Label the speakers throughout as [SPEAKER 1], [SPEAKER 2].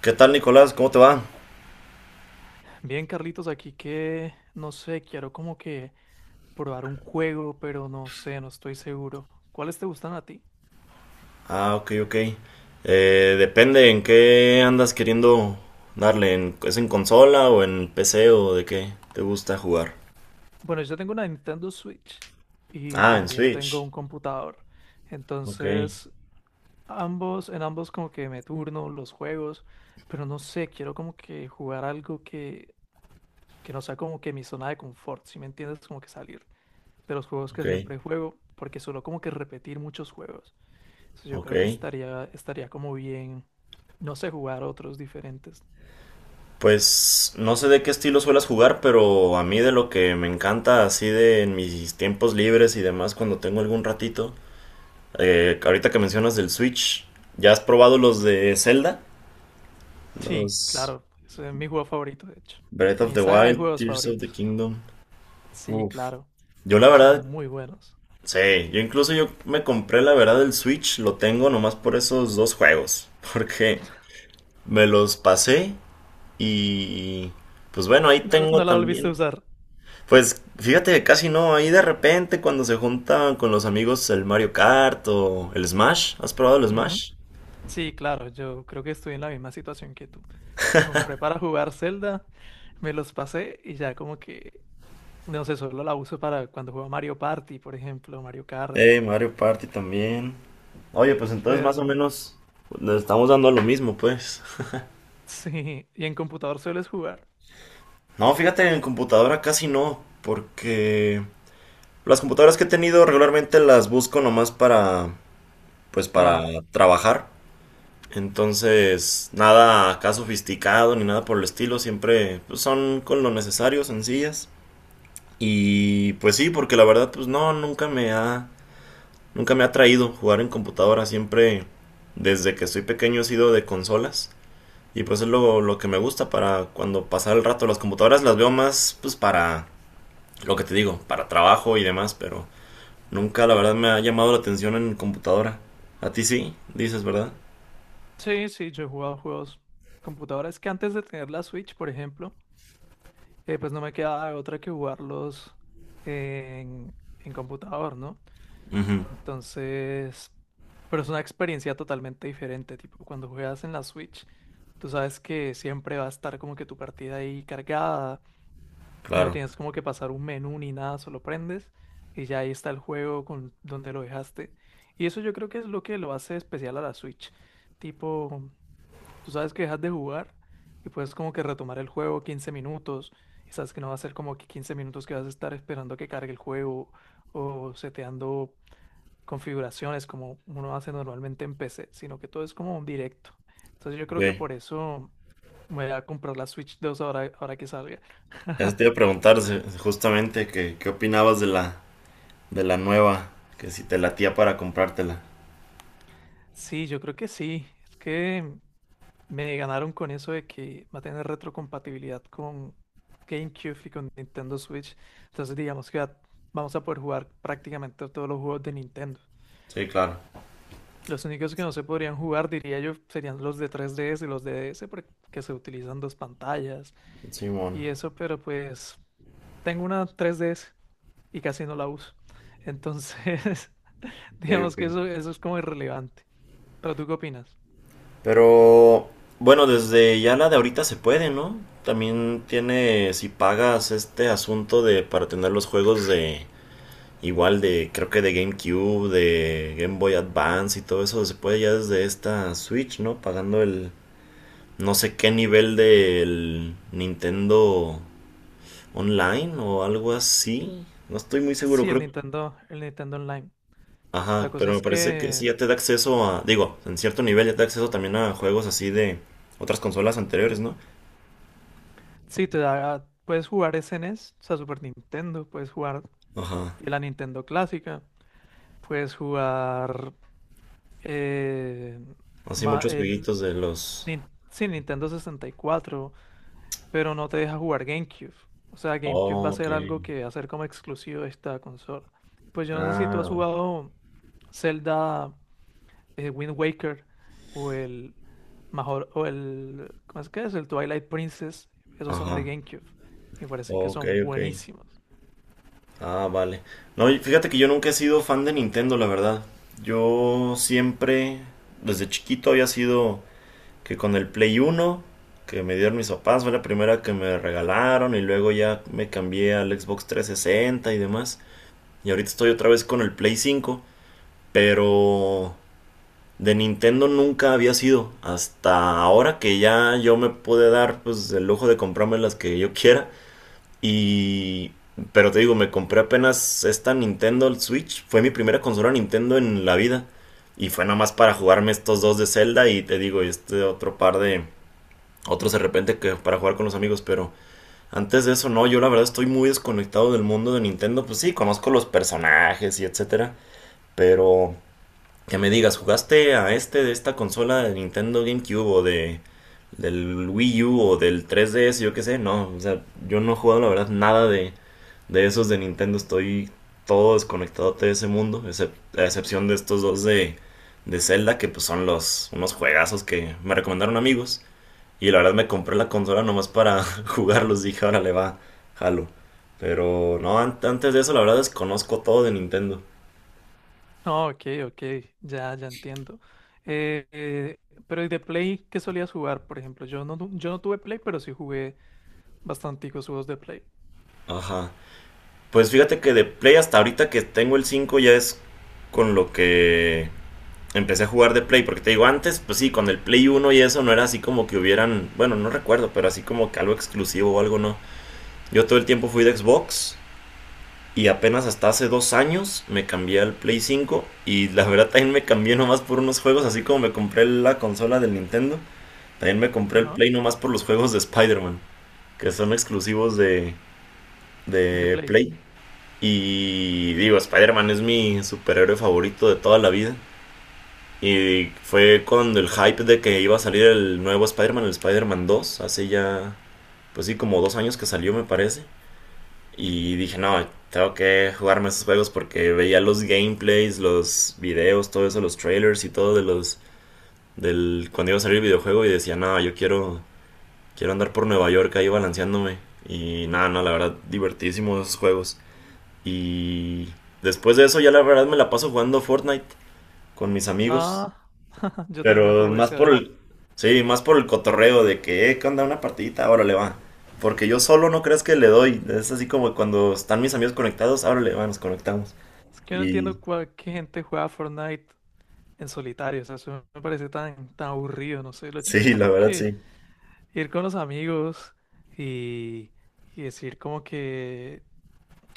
[SPEAKER 1] ¿Qué tal, Nicolás? ¿Cómo te va?
[SPEAKER 2] Bien, Carlitos, aquí que no sé, quiero como que probar un juego, pero no sé, no estoy seguro. ¿Cuáles te gustan a ti?
[SPEAKER 1] Ah, ok, ok. Depende en qué andas queriendo darle. ¿Es en consola o en PC o de qué te gusta jugar?
[SPEAKER 2] Bueno, yo tengo una Nintendo Switch y
[SPEAKER 1] Ah, en
[SPEAKER 2] también tengo
[SPEAKER 1] Switch.
[SPEAKER 2] un computador.
[SPEAKER 1] Ok,
[SPEAKER 2] Entonces, ambos, en ambos como que me turno los juegos, pero no sé, quiero como que jugar algo que no sea como que mi zona de confort, ¿si me entiendes? Como que salir de los juegos
[SPEAKER 1] ok,
[SPEAKER 2] que siempre juego, porque suelo como que repetir muchos juegos. Entonces, yo
[SPEAKER 1] ok.
[SPEAKER 2] creo que estaría como bien, no sé, jugar otros diferentes.
[SPEAKER 1] Pues no sé de qué estilo suelas jugar, pero a mí de lo que me encanta así de en mis tiempos libres y demás cuando tengo algún ratito. Ahorita que mencionas del Switch, ¿ya has probado los de Zelda?
[SPEAKER 2] Sí,
[SPEAKER 1] Los
[SPEAKER 2] claro, ese es mi juego favorito, de hecho.
[SPEAKER 1] Breath of
[SPEAKER 2] Mi
[SPEAKER 1] the
[SPEAKER 2] saga de
[SPEAKER 1] Wild,
[SPEAKER 2] juegos
[SPEAKER 1] Tears of
[SPEAKER 2] favoritos.
[SPEAKER 1] the Kingdom.
[SPEAKER 2] Sí,
[SPEAKER 1] Uf.
[SPEAKER 2] claro,
[SPEAKER 1] Yo la
[SPEAKER 2] son
[SPEAKER 1] verdad,
[SPEAKER 2] muy buenos.
[SPEAKER 1] sí, yo incluso yo me compré la verdad el Switch, lo tengo nomás por esos dos juegos, porque me los pasé y pues bueno, ahí
[SPEAKER 2] No,
[SPEAKER 1] tengo
[SPEAKER 2] no la volviste a
[SPEAKER 1] también.
[SPEAKER 2] usar.
[SPEAKER 1] Pues fíjate que casi no, ahí de repente cuando se juntan con los amigos el Mario Kart o el Smash, ¿has probado el
[SPEAKER 2] Ujú.
[SPEAKER 1] Smash?
[SPEAKER 2] Sí, claro, yo creo que estoy en la misma situación que tú. Lo compré para jugar Zelda, me los pasé y ya como que, no sé, solo la uso para cuando juego Mario Party, por ejemplo, Mario Kart.
[SPEAKER 1] Mario Party también. Oye, pues entonces más o
[SPEAKER 2] Pero
[SPEAKER 1] menos le estamos dando a lo mismo, pues.
[SPEAKER 2] sí, ¿y en computador sueles jugar?
[SPEAKER 1] No, fíjate, en computadora casi no, porque las computadoras que he tenido regularmente las busco nomás para, pues para
[SPEAKER 2] Trabajar.
[SPEAKER 1] trabajar. Entonces, nada acá sofisticado ni nada por el estilo, siempre pues, son con lo necesario, sencillas. Y pues sí, porque la verdad, pues no, nunca me ha atraído jugar en computadora, siempre desde que estoy pequeño he sido de consolas. Y pues es lo que me gusta para cuando pasar el rato. Las computadoras las veo más, pues para lo que te digo, para trabajo y demás, pero nunca, la verdad, me ha llamado la atención en computadora. A ti sí, dices, ¿verdad?
[SPEAKER 2] Sí, sí, yo he jugado juegos computadoras que antes de tener la Switch, por ejemplo, pues no me quedaba otra que jugarlos en computador, ¿no?
[SPEAKER 1] Ujú,
[SPEAKER 2] Entonces, pero es una experiencia totalmente diferente, tipo cuando juegas en la Switch, tú sabes que siempre va a estar como que tu partida ahí cargada. No
[SPEAKER 1] claro.
[SPEAKER 2] tienes como que pasar un menú ni nada, solo prendes y ya ahí está el juego con donde lo dejaste. Y eso yo creo que es lo que lo hace especial a la Switch. Tipo, tú sabes que dejas de jugar y puedes como que retomar el juego 15 minutos y sabes que no va a ser como que 15 minutos que vas a estar esperando a que cargue el juego o seteando configuraciones como uno hace normalmente en PC, sino que todo es como un directo. Entonces yo creo que
[SPEAKER 1] Ok.
[SPEAKER 2] por eso me voy a comprar la Switch 2 ahora, ahora que salga.
[SPEAKER 1] Eso te iba a preguntar justamente que, qué opinabas de de la nueva, que si te latía para comprártela.
[SPEAKER 2] Sí, yo creo que sí. Es que me ganaron con eso de que va a tener retrocompatibilidad con GameCube y con Nintendo Switch. Entonces, digamos que vamos a poder jugar prácticamente todos los juegos de Nintendo.
[SPEAKER 1] Sí, claro.
[SPEAKER 2] Los únicos que no se podrían jugar, diría yo, serían los de 3DS y los de DS, porque se utilizan dos pantallas
[SPEAKER 1] Simón.
[SPEAKER 2] y eso, pero pues tengo una 3DS y casi no la uso. Entonces,
[SPEAKER 1] Ok,
[SPEAKER 2] digamos
[SPEAKER 1] ok.
[SPEAKER 2] que eso es como irrelevante. ¿Pero tú qué opinas?
[SPEAKER 1] Pero, bueno, desde ya la de ahorita se puede, ¿no? También tiene, si pagas este asunto de para tener los juegos de, igual de, creo que de GameCube, de Game Boy Advance y todo eso se puede ya desde esta Switch, ¿no? Pagando el no sé qué nivel del Nintendo Online o algo así. No estoy muy seguro,
[SPEAKER 2] Sí,
[SPEAKER 1] creo.
[SPEAKER 2] El Nintendo Online. La
[SPEAKER 1] Ajá,
[SPEAKER 2] cosa
[SPEAKER 1] pero me
[SPEAKER 2] es
[SPEAKER 1] parece que sí
[SPEAKER 2] que
[SPEAKER 1] ya te da acceso a, digo, en cierto nivel ya te da acceso también a juegos así de otras consolas anteriores, ¿no?
[SPEAKER 2] sí, te da, puedes jugar SNES, o sea, Super Nintendo, puedes jugar
[SPEAKER 1] Ajá.
[SPEAKER 2] la Nintendo clásica, puedes jugar eh,
[SPEAKER 1] Así
[SPEAKER 2] ma-
[SPEAKER 1] muchos
[SPEAKER 2] el,
[SPEAKER 1] jueguitos de los...
[SPEAKER 2] sí, Nintendo 64, pero no te deja jugar GameCube. O sea, GameCube va a
[SPEAKER 1] Oh, ok.
[SPEAKER 2] ser algo que va a ser como exclusivo de esta consola. Pues yo no sé si tú has
[SPEAKER 1] Ah,
[SPEAKER 2] jugado Zelda Wind Waker o el Major, o el, ¿cómo es que es? El Twilight Princess, esos son de
[SPEAKER 1] ajá.
[SPEAKER 2] GameCube. Y parece que
[SPEAKER 1] Ok,
[SPEAKER 2] son
[SPEAKER 1] ok.
[SPEAKER 2] buenísimos.
[SPEAKER 1] Ah, vale. No, y fíjate que yo nunca he sido fan de Nintendo, la verdad. Yo siempre, desde chiquito, había sido que con el Play Uno que me dieron mis papás, fue la primera que me regalaron y luego ya me cambié al Xbox 360 y demás. Y ahorita estoy otra vez con el Play 5, pero de Nintendo nunca había sido. Hasta ahora que ya yo me pude dar pues el lujo de comprarme las que yo quiera. Y... Pero te digo, me compré apenas esta Nintendo Switch. Fue mi primera consola Nintendo en la vida. Y fue nada más para jugarme estos dos de Zelda y te digo, y este otro par de... Otros de repente que para jugar con los amigos, pero antes de eso no, yo la verdad estoy muy desconectado del mundo de Nintendo. Pues sí, conozco los personajes y etcétera. Pero que me digas, ¿jugaste a este de esta consola de Nintendo GameCube o de del Wii U o del 3DS, yo qué sé? No, o sea, yo no he jugado la verdad nada de esos de Nintendo, estoy todo desconectado de ese mundo, a excepción de estos dos de Zelda, que pues son los unos juegazos que me recomendaron amigos. Y la verdad me compré la consola nomás para jugarlos, dije, ahora le va, jalo. Pero no, antes de eso la verdad desconozco todo de Nintendo.
[SPEAKER 2] No, ok, ok, ya, ya entiendo. Eh, eh, pero ¿y de Play qué solías jugar, por ejemplo? Yo no tuve Play, pero sí jugué bastanticos juegos de Play.
[SPEAKER 1] Ajá. Pues fíjate que de Play hasta ahorita que tengo el 5 ya es con lo que empecé a jugar de Play. Porque te digo, antes, pues sí, con el Play uno y eso no era así como que hubieran, bueno, no recuerdo, pero así como que algo exclusivo o algo no. Yo todo el tiempo fui de Xbox y apenas hasta hace dos años me cambié al Play 5 y la verdad también me cambié nomás por unos juegos, así como me compré la consola del Nintendo. También me compré el
[SPEAKER 2] Ajá,
[SPEAKER 1] Play nomás por los juegos de Spider-Man, que son exclusivos
[SPEAKER 2] de
[SPEAKER 1] de
[SPEAKER 2] Play.
[SPEAKER 1] Play. Y digo, Spider-Man es mi superhéroe favorito de toda la vida. Y fue cuando el hype de que iba a salir el nuevo Spider-Man, el Spider-Man 2, hace ya, pues sí, como dos años que salió, me parece. Y dije, no, tengo que jugarme esos juegos porque veía los gameplays, los videos, todo eso, los trailers y todo de los. Del. Cuando iba a salir el videojuego y decía, no, yo quiero. Quiero andar por Nueva York ahí balanceándome. Y nada, no, la verdad, divertísimos esos juegos. Y después de eso ya la verdad me la paso jugando Fortnite con mis amigos.
[SPEAKER 2] Ah, yo también
[SPEAKER 1] Pero
[SPEAKER 2] juego
[SPEAKER 1] más
[SPEAKER 2] ese a
[SPEAKER 1] por
[SPEAKER 2] veces.
[SPEAKER 1] el... Sí, más por el cotorreo de que, ¿qué onda? Una partidita, órale, va. Porque yo solo no crees que le doy. Es así como cuando están mis amigos conectados, órale, va, nos conectamos.
[SPEAKER 2] Es que no
[SPEAKER 1] Y
[SPEAKER 2] entiendo cuál, qué gente juega Fortnite en solitario. O sea, eso me parece tan aburrido, no sé, lo chévere.
[SPEAKER 1] sí,
[SPEAKER 2] Es
[SPEAKER 1] la
[SPEAKER 2] como
[SPEAKER 1] verdad
[SPEAKER 2] que
[SPEAKER 1] sí.
[SPEAKER 2] ir con los amigos y, y decir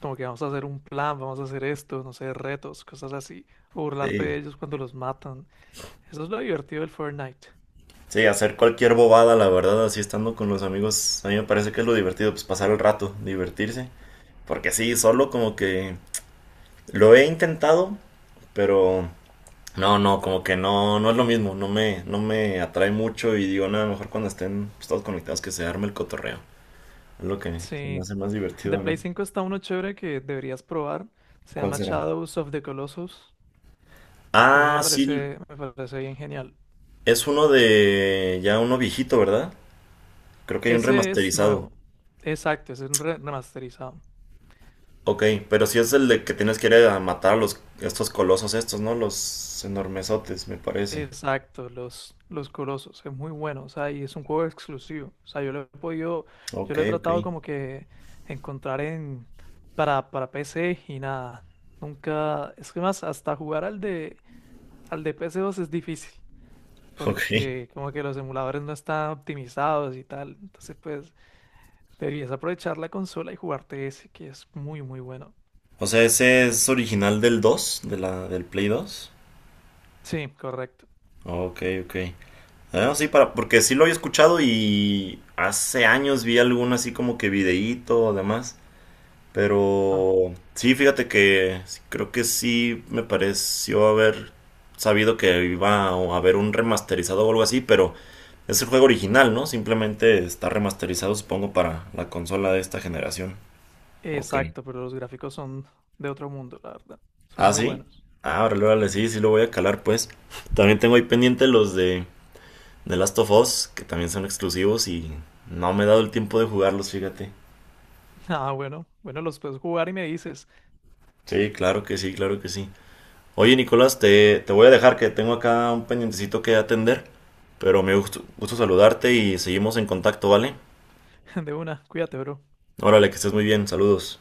[SPEAKER 2] como que vamos a hacer un plan, vamos a hacer esto, no sé, retos, cosas así, o burlarte de
[SPEAKER 1] Sí.
[SPEAKER 2] ellos cuando los matan. Eso es lo divertido del Fortnite.
[SPEAKER 1] Sí, hacer cualquier bobada, la verdad, así estando con los amigos, a mí me parece que es lo divertido, pues pasar el rato, divertirse. Porque sí, solo como que lo he intentado, pero no, no, como que no, no es lo mismo, no me atrae mucho y digo, nada, mejor cuando estén pues, todos conectados que se arme el cotorreo. Es lo que se me
[SPEAKER 2] Sí,
[SPEAKER 1] hace más divertido
[SPEAKER 2] de
[SPEAKER 1] a
[SPEAKER 2] Play
[SPEAKER 1] mí.
[SPEAKER 2] 5 está uno chévere que deberías probar, se
[SPEAKER 1] ¿Cuál
[SPEAKER 2] llama
[SPEAKER 1] será?
[SPEAKER 2] Shadows of the Colossus. Ese
[SPEAKER 1] Ah, sí,
[SPEAKER 2] me parece bien genial.
[SPEAKER 1] es uno de ya uno viejito, ¿verdad? Creo que hay un
[SPEAKER 2] Ese es
[SPEAKER 1] remasterizado.
[SPEAKER 2] nuevo, exacto, ese es un remasterizado.
[SPEAKER 1] Ok, pero si es el de que tienes que ir a matar a los estos colosos estos, ¿no? Los enormesotes, me parece.
[SPEAKER 2] Exacto, los Colosos, es muy bueno, o sea, y es un juego exclusivo, o sea, yo lo he podido, yo
[SPEAKER 1] Ok,
[SPEAKER 2] lo he
[SPEAKER 1] ok.
[SPEAKER 2] tratado como que encontrar en, para PC y nada, nunca, es que más, hasta jugar al de PS2 es difícil,
[SPEAKER 1] Ok.
[SPEAKER 2] porque como que los emuladores no están optimizados y tal, entonces pues deberías aprovechar la consola y jugarte ese, que es muy, muy bueno.
[SPEAKER 1] O sea, ese es original del 2, de la del Play 2.
[SPEAKER 2] Sí, correcto.
[SPEAKER 1] Ok, ok. Ah, sí, para, porque sí lo había escuchado y hace años vi algún así como que videíto, además.
[SPEAKER 2] Ah,
[SPEAKER 1] Pero sí, fíjate que creo que sí me pareció haber sabido que iba a haber un remasterizado o algo así, pero es el juego original, ¿no? Simplemente está remasterizado, supongo, para la consola de esta generación. Ok.
[SPEAKER 2] exacto, pero los gráficos son de otro mundo, la verdad, son
[SPEAKER 1] ¿Ah,
[SPEAKER 2] muy
[SPEAKER 1] sí?
[SPEAKER 2] buenos.
[SPEAKER 1] Ah, órale, órale, sí, sí lo voy a calar, pues. También tengo ahí pendiente los de The Last of Us, que también son exclusivos y no me he dado el tiempo de jugarlos, fíjate.
[SPEAKER 2] Ah, bueno, bueno, los puedes jugar y me dices.
[SPEAKER 1] Sí, claro que sí, claro que sí. Oye, Nicolás, te voy a dejar que tengo acá un pendientecito que atender, pero me gusto, gusto saludarte y seguimos en contacto, ¿vale?
[SPEAKER 2] De una, cuídate, bro.
[SPEAKER 1] Órale, que estés muy bien, saludos.